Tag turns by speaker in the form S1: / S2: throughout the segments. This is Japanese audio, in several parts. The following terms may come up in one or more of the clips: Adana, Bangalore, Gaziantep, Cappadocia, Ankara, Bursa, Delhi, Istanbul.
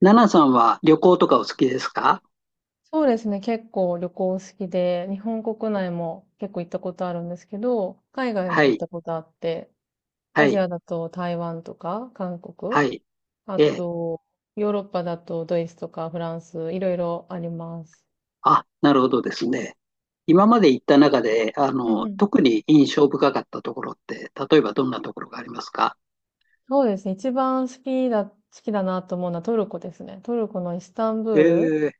S1: ナナさんは旅行と
S2: う
S1: か
S2: ん、
S1: お好きですか？
S2: そうですね。結構旅行好きで、日本国内も結構行ったことあるんですけど、海外
S1: は
S2: も行っ
S1: い、
S2: たことあって、
S1: は
S2: アジ
S1: い、
S2: アだと台湾とか韓国、
S1: はい。
S2: あ
S1: ええ。
S2: とヨーロッパだとドイツとかフランス、いろいろあります。
S1: あ、なるほどですね。今まで行った中で、
S2: うんうん。
S1: 特に印象深かったところって、例えばどんなところがありますか？
S2: そうですね。一番好きだなと思うのはトルコですね。トルコのイスタンブール
S1: ええ、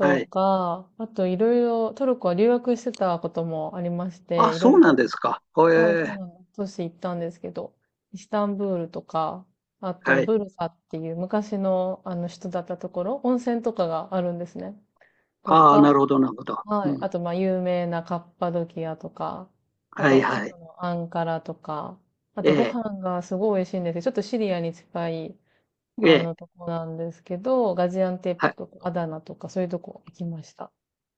S1: はい。
S2: か、あといろいろ、トルコは留学してたこともありまし
S1: あ、
S2: て、いろ
S1: そ
S2: い
S1: うなん
S2: ろ
S1: ですか。
S2: はい、
S1: え
S2: そう
S1: え、
S2: なんです都市行ったんですけど、イスタンブールとか、あ
S1: は
S2: と
S1: い。
S2: ブルサっていう昔のあの人だったところ、温泉とかがあるんですね。と
S1: ああ、
S2: か、
S1: なるほど、なるほど。
S2: は
S1: う
S2: い。
S1: ん。
S2: あと、まあ、有名なカッパドキアとか、あ
S1: はい、
S2: と、首
S1: はい。
S2: 都のアンカラとか、あ
S1: え
S2: と、ご
S1: え、
S2: 飯がすごい美味しいんですよ。ちょっとシリアに近い、
S1: ええ、
S2: とこなんですけど、ガジアンテッ
S1: は
S2: プ
S1: い。
S2: とか、アダナとか、そういうとこ行きました。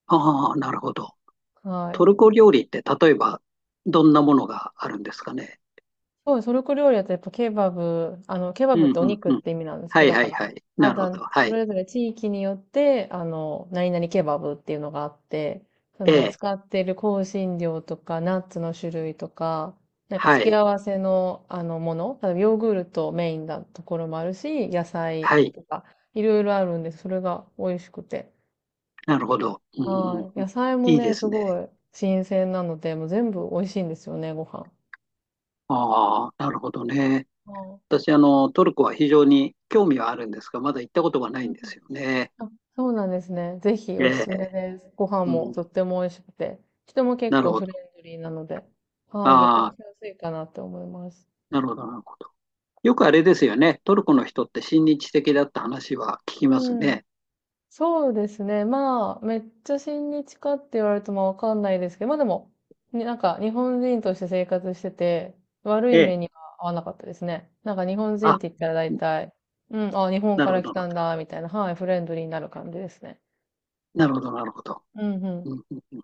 S1: ああ、なるほど。
S2: は
S1: ト
S2: い。
S1: ルコ料理って、例えば、どんなものがあるんですかね。
S2: そう、トルコ料理だとやっぱケバブ、ケバ
S1: う
S2: ブっ
S1: ん、
S2: てお
S1: うん、
S2: 肉っ
S1: うん。
S2: て意味なんです
S1: は
S2: け
S1: い、
S2: ど、だ
S1: は
S2: か
S1: い、
S2: ら、
S1: はい。
S2: あ
S1: なるほ
S2: だ、
S1: ど。は
S2: そ
S1: い。
S2: れぞれ地域によって、何々ケバブっていうのがあって、そ
S1: え
S2: の、
S1: え、
S2: 使っている香辛料とか、ナッツの種類とか、なんか
S1: は
S2: 付け
S1: い、
S2: 合わせの、もの、例えばヨーグルトメインなところもあるし、野菜
S1: はい、
S2: とか、いろいろあるんです、それが美味しくて。
S1: なるほど。うんうん
S2: はい。
S1: う
S2: 野
S1: ん、
S2: 菜も
S1: いい
S2: ね、
S1: で
S2: す
S1: すね。
S2: ごい新鮮なので、もう全部美味しいんですよね、ご飯。
S1: ああ、なるほどね。
S2: は
S1: 私、トルコは非常に興味はあるんですが、まだ行ったことがな
S2: い。
S1: いんですよね。
S2: あ、そうなんですね。ぜひ
S1: え
S2: おす
S1: え、
S2: すめです。ご飯
S1: う
S2: もと
S1: ん、
S2: っても美味しくて、人も結
S1: なる
S2: 構
S1: ほ
S2: フ
S1: ど。
S2: レンドリーなので、はい、旅行
S1: ああ、
S2: しやすいかなって思います。
S1: なるほど、なるほど。よくあれですよね。トルコの人って親日的だった話は聞きます
S2: うん。
S1: ね。
S2: そうですね。まあ、めっちゃ親日かって言われるとまあわかんないですけど、まあでも、になんか日本人として生活してて、悪
S1: え
S2: い目
S1: え、
S2: には合わなかったですね。なんか日本人っ
S1: あ、
S2: て言ったら大体、うん、あ、日本
S1: な
S2: か
S1: るほ
S2: ら来
S1: ど、
S2: たんだ、みたいな、はい、フレンドリーになる感じですね。
S1: なるほど、なるほど。
S2: うんうん。
S1: なるほど。うんうんうん、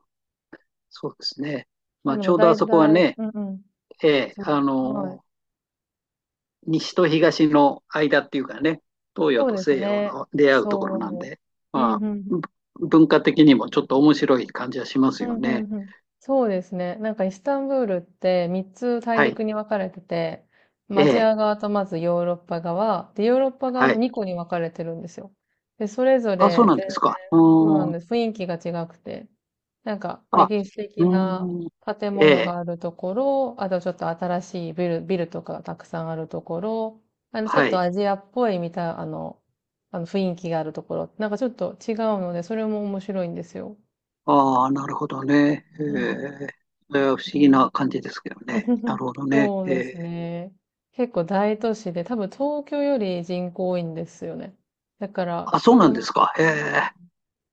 S1: そうですね。
S2: ま
S1: ま
S2: あ
S1: あ、
S2: で
S1: ち
S2: も
S1: ょうどあ
S2: 大
S1: そこは
S2: 体、
S1: ね、
S2: うんうん。
S1: ええ、
S2: その、はい。
S1: 西と東の間っていうかね、東洋
S2: そう
S1: と
S2: です
S1: 西洋
S2: ね。
S1: の出会うところなん
S2: そ
S1: で、
S2: う。うん、う
S1: まあ、
S2: んうん。
S1: 文化的にもちょっと面白い感じはします
S2: う
S1: よ
S2: ん、
S1: ね。
S2: うんうん。そうですね。なんかイスタンブールって3つ大
S1: はい。
S2: 陸に分かれてて、ま
S1: え
S2: あアジ
S1: え。
S2: ア側とまずヨーロッパ側、で、ヨーロッパ側
S1: は
S2: も
S1: い。
S2: 2個に分かれてるんですよ。で、それぞ
S1: あ、そう
S2: れ
S1: なん
S2: 全
S1: です
S2: 然、
S1: か。う
S2: そうな
S1: ー
S2: ん
S1: ん。
S2: です。雰囲気が違くて。なんか
S1: あ、
S2: 歴史
S1: う
S2: 的な
S1: ーん。
S2: 建
S1: え
S2: 物
S1: え。
S2: があるところ、あとちょっと新しいビルとかがたくさんあるところ、ちょ
S1: は
S2: っと
S1: い。
S2: アジアっぽいみたいな、あの雰囲気があるところ、なんかちょっと違うので、それも面白いんですよ。
S1: ああ、なるほどね。え
S2: うんうん。
S1: え。それは不思議な感じですけどね。なる ほどね。
S2: そう
S1: え
S2: です
S1: え。
S2: ね。結構大都市で、多分東京より人口多いんですよね。だから
S1: あ、そ
S2: 人
S1: うな
S2: は
S1: ん
S2: ま
S1: です
S2: あ
S1: か。ええ。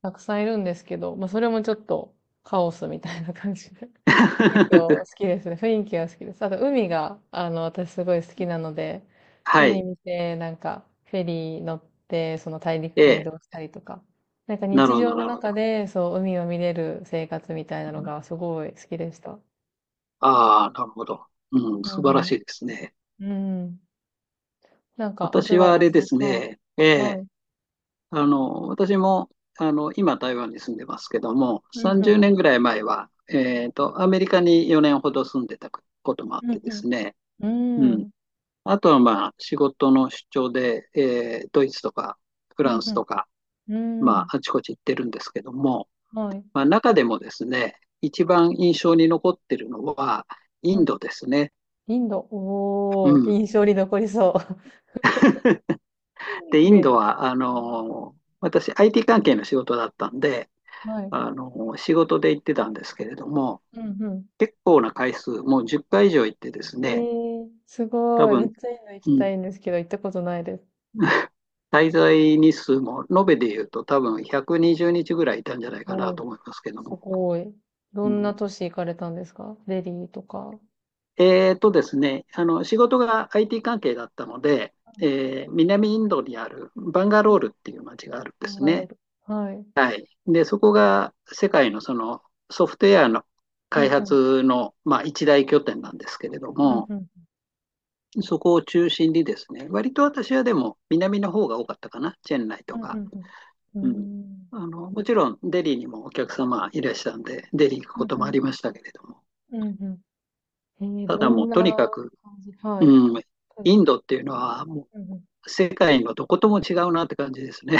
S2: たくさんいるんですけど、まあそれもちょっとカオスみたいな感じで。結構好 きですね。雰囲気が好きです。あと海が、私すごい好きなので、
S1: は
S2: 海
S1: い。
S2: 見て、なんかフェリー乗って、その大陸
S1: え
S2: 間移
S1: え。
S2: 動したりとか、なんか
S1: な
S2: 日
S1: るほ
S2: 常
S1: ど、
S2: の
S1: なるほ
S2: 中
S1: ど。
S2: でそう海を見れる生活みたいなのがすごい好きでした。
S1: ああ、なるほど。うん、
S2: う
S1: 素
S2: んう
S1: 晴ら
S2: ん。
S1: しいですね。
S2: うん。なんか、松
S1: 私はあ
S2: 原
S1: れ
S2: さ
S1: で
S2: ん。
S1: す
S2: はい。
S1: ね、え
S2: は
S1: え、
S2: い。
S1: 私も、今台湾に住んでますけども、
S2: うんう
S1: 30
S2: ん。
S1: 年ぐらい前は、アメリカに4年ほど住んでたこともあっ
S2: う
S1: てです
S2: ん
S1: ね、
S2: う
S1: う
S2: ん。う
S1: ん。
S2: ん。
S1: あとはまあ、仕事の出張で、ドイツとかフ
S2: う
S1: ランス
S2: ん
S1: とか、
S2: うん。う
S1: ま
S2: ん。
S1: あ、あちこち行ってるんですけども、
S2: はい。
S1: まあ、中でもですね、一番印象に残ってるのは、イ
S2: は
S1: ン
S2: い。
S1: ドですね。
S2: インド。
S1: う
S2: おー。
S1: ん。
S2: 印象に残りそう。
S1: で、
S2: イ
S1: イ
S2: メ
S1: ン
S2: ー
S1: ド
S2: ジがあ
S1: は、
S2: る。
S1: 私、IT 関係の仕事だったんで、
S2: はい。
S1: 仕事で行ってたんですけれども、
S2: うんうん。
S1: 結構な回数、もう10回以上行ってです
S2: え
S1: ね、
S2: ー、す
S1: 多
S2: ごい。めっ
S1: 分、
S2: ちゃインド行き
S1: う
S2: た
S1: ん、
S2: いんですけど、行ったことないです。
S1: 滞在日数も、延べで言うと多分120日ぐらいいたんじゃないかな
S2: おー。
S1: と思いますけど
S2: す
S1: も。
S2: ごい。ど
S1: う
S2: んな
S1: ん、
S2: 都市行かれたんですかデリーとか。
S1: えーとですね、仕事が IT 関係だったので、南インドにあるバンガ
S2: う
S1: ロ
S2: ん
S1: ールっていう街があるん
S2: バ
S1: で
S2: ン
S1: す
S2: ガロー
S1: ね。
S2: ル。はい。うん
S1: はい。で、そこが世界のそのソフトウェアの
S2: う
S1: 開
S2: ん。
S1: 発の、まあ、一大拠点なんですけれど
S2: うん
S1: も、
S2: うん。
S1: そこを中心にですね、割と私はでも南の方が多かったかな、チェンナイ
S2: う
S1: と
S2: んう
S1: か。
S2: んうん。うー
S1: うん。
S2: ん。
S1: もちろんデリーにもお客様いらっしゃるんで、デリー行く
S2: うん
S1: こともあ
S2: うん。
S1: りましたけれども、
S2: うんうんえー、
S1: た
S2: ど
S1: だもう
S2: んな
S1: とにかく、
S2: 感じはい。
S1: うん、
S2: うん。
S1: インドっていうのはも
S2: うんうん。
S1: う世界のどことも違うなって感じですね。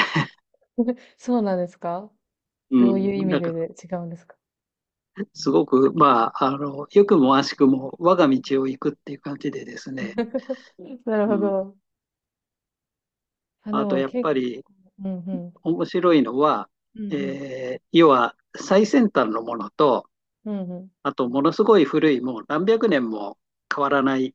S2: そうなんですか。
S1: う
S2: どういう意
S1: ん、
S2: 味
S1: なん
S2: で、
S1: か
S2: で違うんですか。
S1: すごく、まあ、良くも悪しくも我が道を行くっていう感じでですね、
S2: なる
S1: う
S2: ほ
S1: ん。
S2: ど。あ、で
S1: あと、
S2: も
S1: やっ
S2: 結
S1: ぱり
S2: 構、うんうん。
S1: 面白いのは、
S2: うんうん。
S1: 要は最先端のものと、
S2: うんうん。
S1: あと、ものすごい古い、もう何百年も変わらない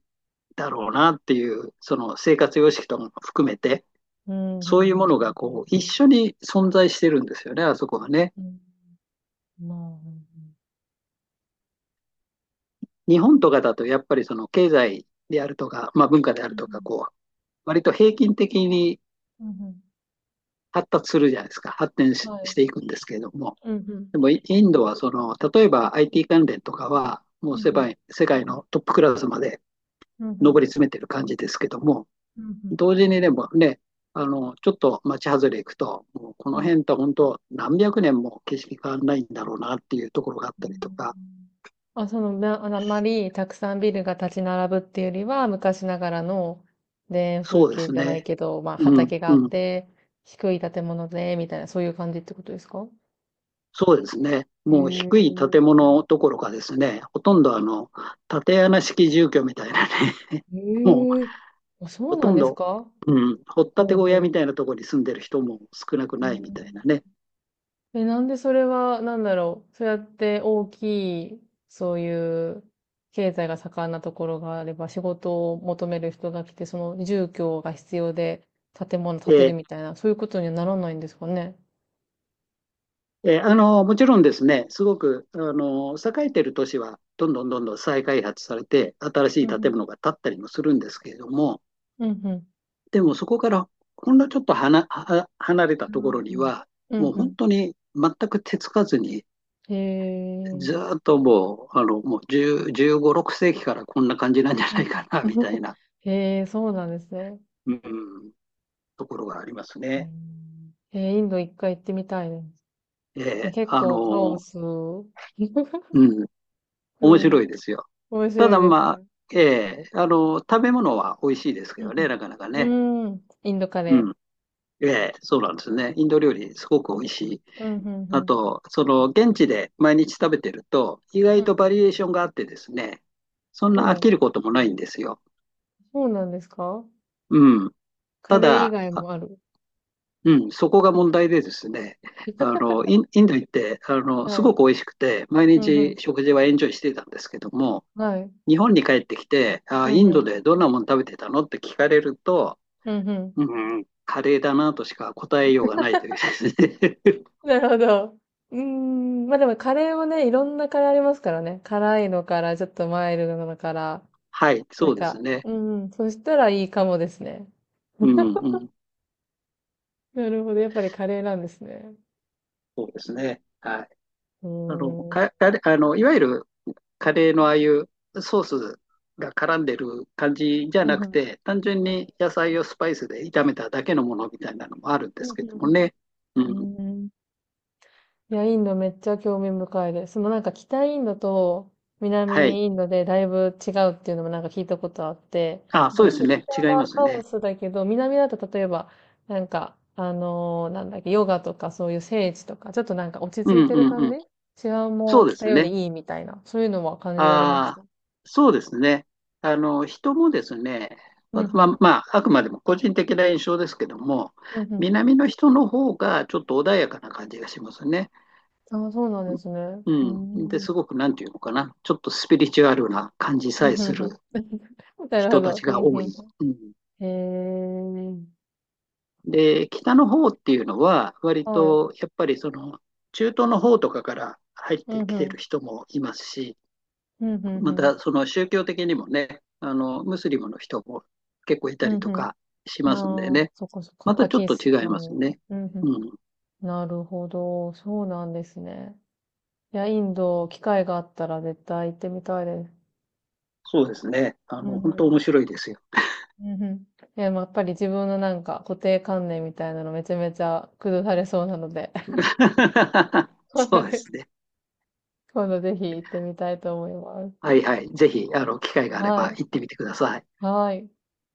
S1: だろうなっていう、その生活様式とかも含めて、
S2: うん
S1: そういう
S2: うん
S1: ものがこう、一緒に存在してるんですよね、あそこはね。
S2: うん。うん。まあ、うん
S1: 日本とかだと、やっぱりその経済であるとか、まあ文化であ
S2: う
S1: る
S2: ん。
S1: とか、こう、割と平均的に
S2: うんうん。うんう
S1: 発達するじゃないですか。発展
S2: ん。
S1: し
S2: は
S1: し
S2: い。
S1: ていくんですけれども。
S2: うんうん。
S1: でもインドはその、例えば IT 関連とかは、も
S2: う
S1: う
S2: んう
S1: 世
S2: ん。
S1: 界世界のトップクラスまで
S2: うんう
S1: 上
S2: ん。
S1: り詰めてる感じですけども、
S2: うんうん。う
S1: 同時にでもね、ちょっと町外れ行くと、もうこ
S2: んう
S1: の
S2: ん。
S1: 辺と本当何百年も景色変わらないんだろうなっていうところがあっ
S2: う
S1: たりとか、
S2: んあ、その、な、あまりたくさんビルが立ち並ぶっていうよりは、昔ながらの田園風
S1: そうで
S2: 景
S1: す
S2: じゃない
S1: ね。
S2: けど、まあ
S1: うん、
S2: 畑があっ
S1: うん。
S2: て、低い建物で、みたいな、そういう感じってことですか。
S1: そうですね。
S2: へ
S1: もう低い建
S2: え。
S1: 物どころかですね、ほとんど縦穴式住居みたいなね、もう
S2: へえ。あ、そ
S1: ほ
S2: うな
S1: と
S2: ん
S1: ん
S2: です
S1: ど、
S2: か。
S1: うん、掘った
S2: ほ
S1: て
S2: う
S1: 小屋
S2: ほ
S1: みたいなところに住んでる人も少なく
S2: う。う
S1: ないみ
S2: ん
S1: たいなね。
S2: え、なんでそれは、なんだろう。そうやって大きい、そういう経済が盛んなところがあれば、仕事を求める人が来て、その住居が必要で建物
S1: え
S2: 建てる
S1: ー
S2: みたいな、そういうことにはならないんですかね。
S1: えーもちろんですね、すごくあの栄えてる都市はどんどんどんどん再開発されて、新し
S2: う
S1: い
S2: んう
S1: 建
S2: ん。
S1: 物が建ったりもするんですけれども、
S2: うんうん。
S1: でもそこからほんのちょっとはなは離れた
S2: あ
S1: ところ
S2: ー
S1: に
S2: なるほ
S1: は、
S2: ど。う
S1: も
S2: ん
S1: う
S2: う
S1: 本
S2: ん。
S1: 当に全く手つかずに、
S2: へえ。
S1: ずーっともう、もう10、15、6世紀からこんな感じなんじゃ
S2: う
S1: ない
S2: ん
S1: かな、
S2: うん。
S1: みたい な、
S2: え。へえ、そうなんですね。
S1: うん、ところがあります
S2: う
S1: ね。
S2: んえー、インド一回行ってみたいです。
S1: ええ
S2: 結
S1: あ
S2: 構カオ
S1: の、
S2: ス。う
S1: うん、面
S2: ん。
S1: 白いですよ。
S2: 面
S1: た
S2: 白い
S1: だ
S2: です
S1: まあ、
S2: か。
S1: え食べ物は美味しいですけ
S2: う
S1: どね、
S2: ん
S1: なかなか
S2: う
S1: ね。
S2: ん。うーん。インドカレ
S1: うん。えそうなんですね。インド料理すごく美味しい。
S2: ー。うん、うん、
S1: あ
S2: うん。
S1: と、その、現地で毎日食べてると、意外とバリエーションがあってですね、そん
S2: うん。そう
S1: な
S2: な
S1: 飽
S2: ん
S1: き
S2: です。
S1: ることもないんですよ。
S2: そうなんですか。
S1: うん。
S2: カ
S1: た
S2: レー以
S1: だ、
S2: 外
S1: あ
S2: もある。
S1: うん、そこが問題でですね、インド行って、
S2: は
S1: すご
S2: い。
S1: く美味しくて、毎
S2: うん、うん。
S1: 日食事はエンジョイしてたんですけども、
S2: はい。
S1: 日本に帰ってきて、あ
S2: う
S1: ー、
S2: ん、
S1: イ
S2: う
S1: ンド
S2: ん。
S1: でどんなもの食べてたのって聞かれると、
S2: うん、うん。
S1: うん、カレーだなとしか答えようがないというですね。
S2: なるほど。うーん。まあでもカレーもね、いろんなカレーありますからね。辛いのから、ちょっとマイルドなのから。
S1: はい、
S2: な
S1: そ
S2: ん
S1: うです
S2: か、
S1: ね。
S2: うん。そしたらいいかもですね。
S1: うん、うん、
S2: なるほど。やっぱりカレーなんですね。
S1: そうですね。はい。
S2: うーん。うん、
S1: カレー、いわゆるカレーのああいうソースが絡んでる感じじゃ
S2: う
S1: な
S2: ん、う
S1: く
S2: ん。
S1: て、単純に野菜をスパイスで炒めただけのものみたいなのもあるんで
S2: う
S1: す
S2: ん、
S1: け
S2: う
S1: ども
S2: ん、
S1: ね。う
S2: う
S1: ん、
S2: ん。うーん。いや、インドめっちゃ興味深いです。そのなんか北インドと
S1: はい。
S2: 南インドでだいぶ違うっていうのもなんか聞いたことあって、
S1: あ、
S2: や
S1: そ
S2: っぱ
S1: うです
S2: ちょっと
S1: ね。
S2: 北
S1: 違い
S2: は
S1: ます
S2: カオ
S1: ね。
S2: スだけど、南だと例えば、なんか、あのーなんだっけ、ヨガとかそういう聖地とか、ちょっとなんか落ち
S1: う
S2: 着い
S1: ん、う
S2: てる
S1: ん、う
S2: 感じ
S1: ん。
S2: 治安
S1: そ
S2: も
S1: うで
S2: 北
S1: す
S2: よ
S1: ね。
S2: りいいみたいな、そういうのは感じられまし
S1: あ
S2: た。
S1: あ、そうですね。あの、人もですね、
S2: うんうん。
S1: まああくまでも個人的な印象ですけども、
S2: うんうん。
S1: 南の人の方がちょっと穏やかな感じがしますね。
S2: ああ、そうなんですね。うー
S1: うん。で、
S2: ん。
S1: すごく、なんていうのかな、ちょっとスピリチュアルな感じさ
S2: う
S1: え
S2: んうん
S1: す
S2: う
S1: る
S2: ん。なるほ
S1: 人たち
S2: ど。う
S1: が
S2: んう
S1: 多い。
S2: ん
S1: うん。
S2: うん。へえ。
S1: で、北の方っていうのは、割
S2: はい。
S1: と、やっぱりその、中東の方とかから入っ
S2: う
S1: て
S2: ん
S1: き
S2: う
S1: てる
S2: ん。
S1: 人もいますし、
S2: うん、うん、う
S1: ま
S2: ん。
S1: たその宗教的にもね、ムスリムの人も結構い
S2: う
S1: た
S2: ん、う
S1: りと
S2: ん。
S1: かしますんで
S2: なあ、
S1: ね、
S2: そっかそっか。
S1: また
S2: パ
S1: ちょっ
S2: キ
S1: と
S2: ス
S1: 違
S2: タ
S1: います
S2: ンで。
S1: ね。
S2: うん、う
S1: うん、
S2: ん。なるほど。そうなんですね。いや、インド、機会があったら絶対行ってみたいです。
S1: そうですね。
S2: うん、
S1: 本当
S2: うん。
S1: 面白いですよ。
S2: うん、うん。いや、まあやっぱり自分のなんか固定観念みたいなのめちゃめちゃ崩されそうなので、
S1: そうで すね。
S2: 今度ぜひ行ってみたいと思います。
S1: はいはい。ぜひ、機会があれ
S2: は
S1: ば
S2: い。
S1: 行ってみてください。
S2: はい。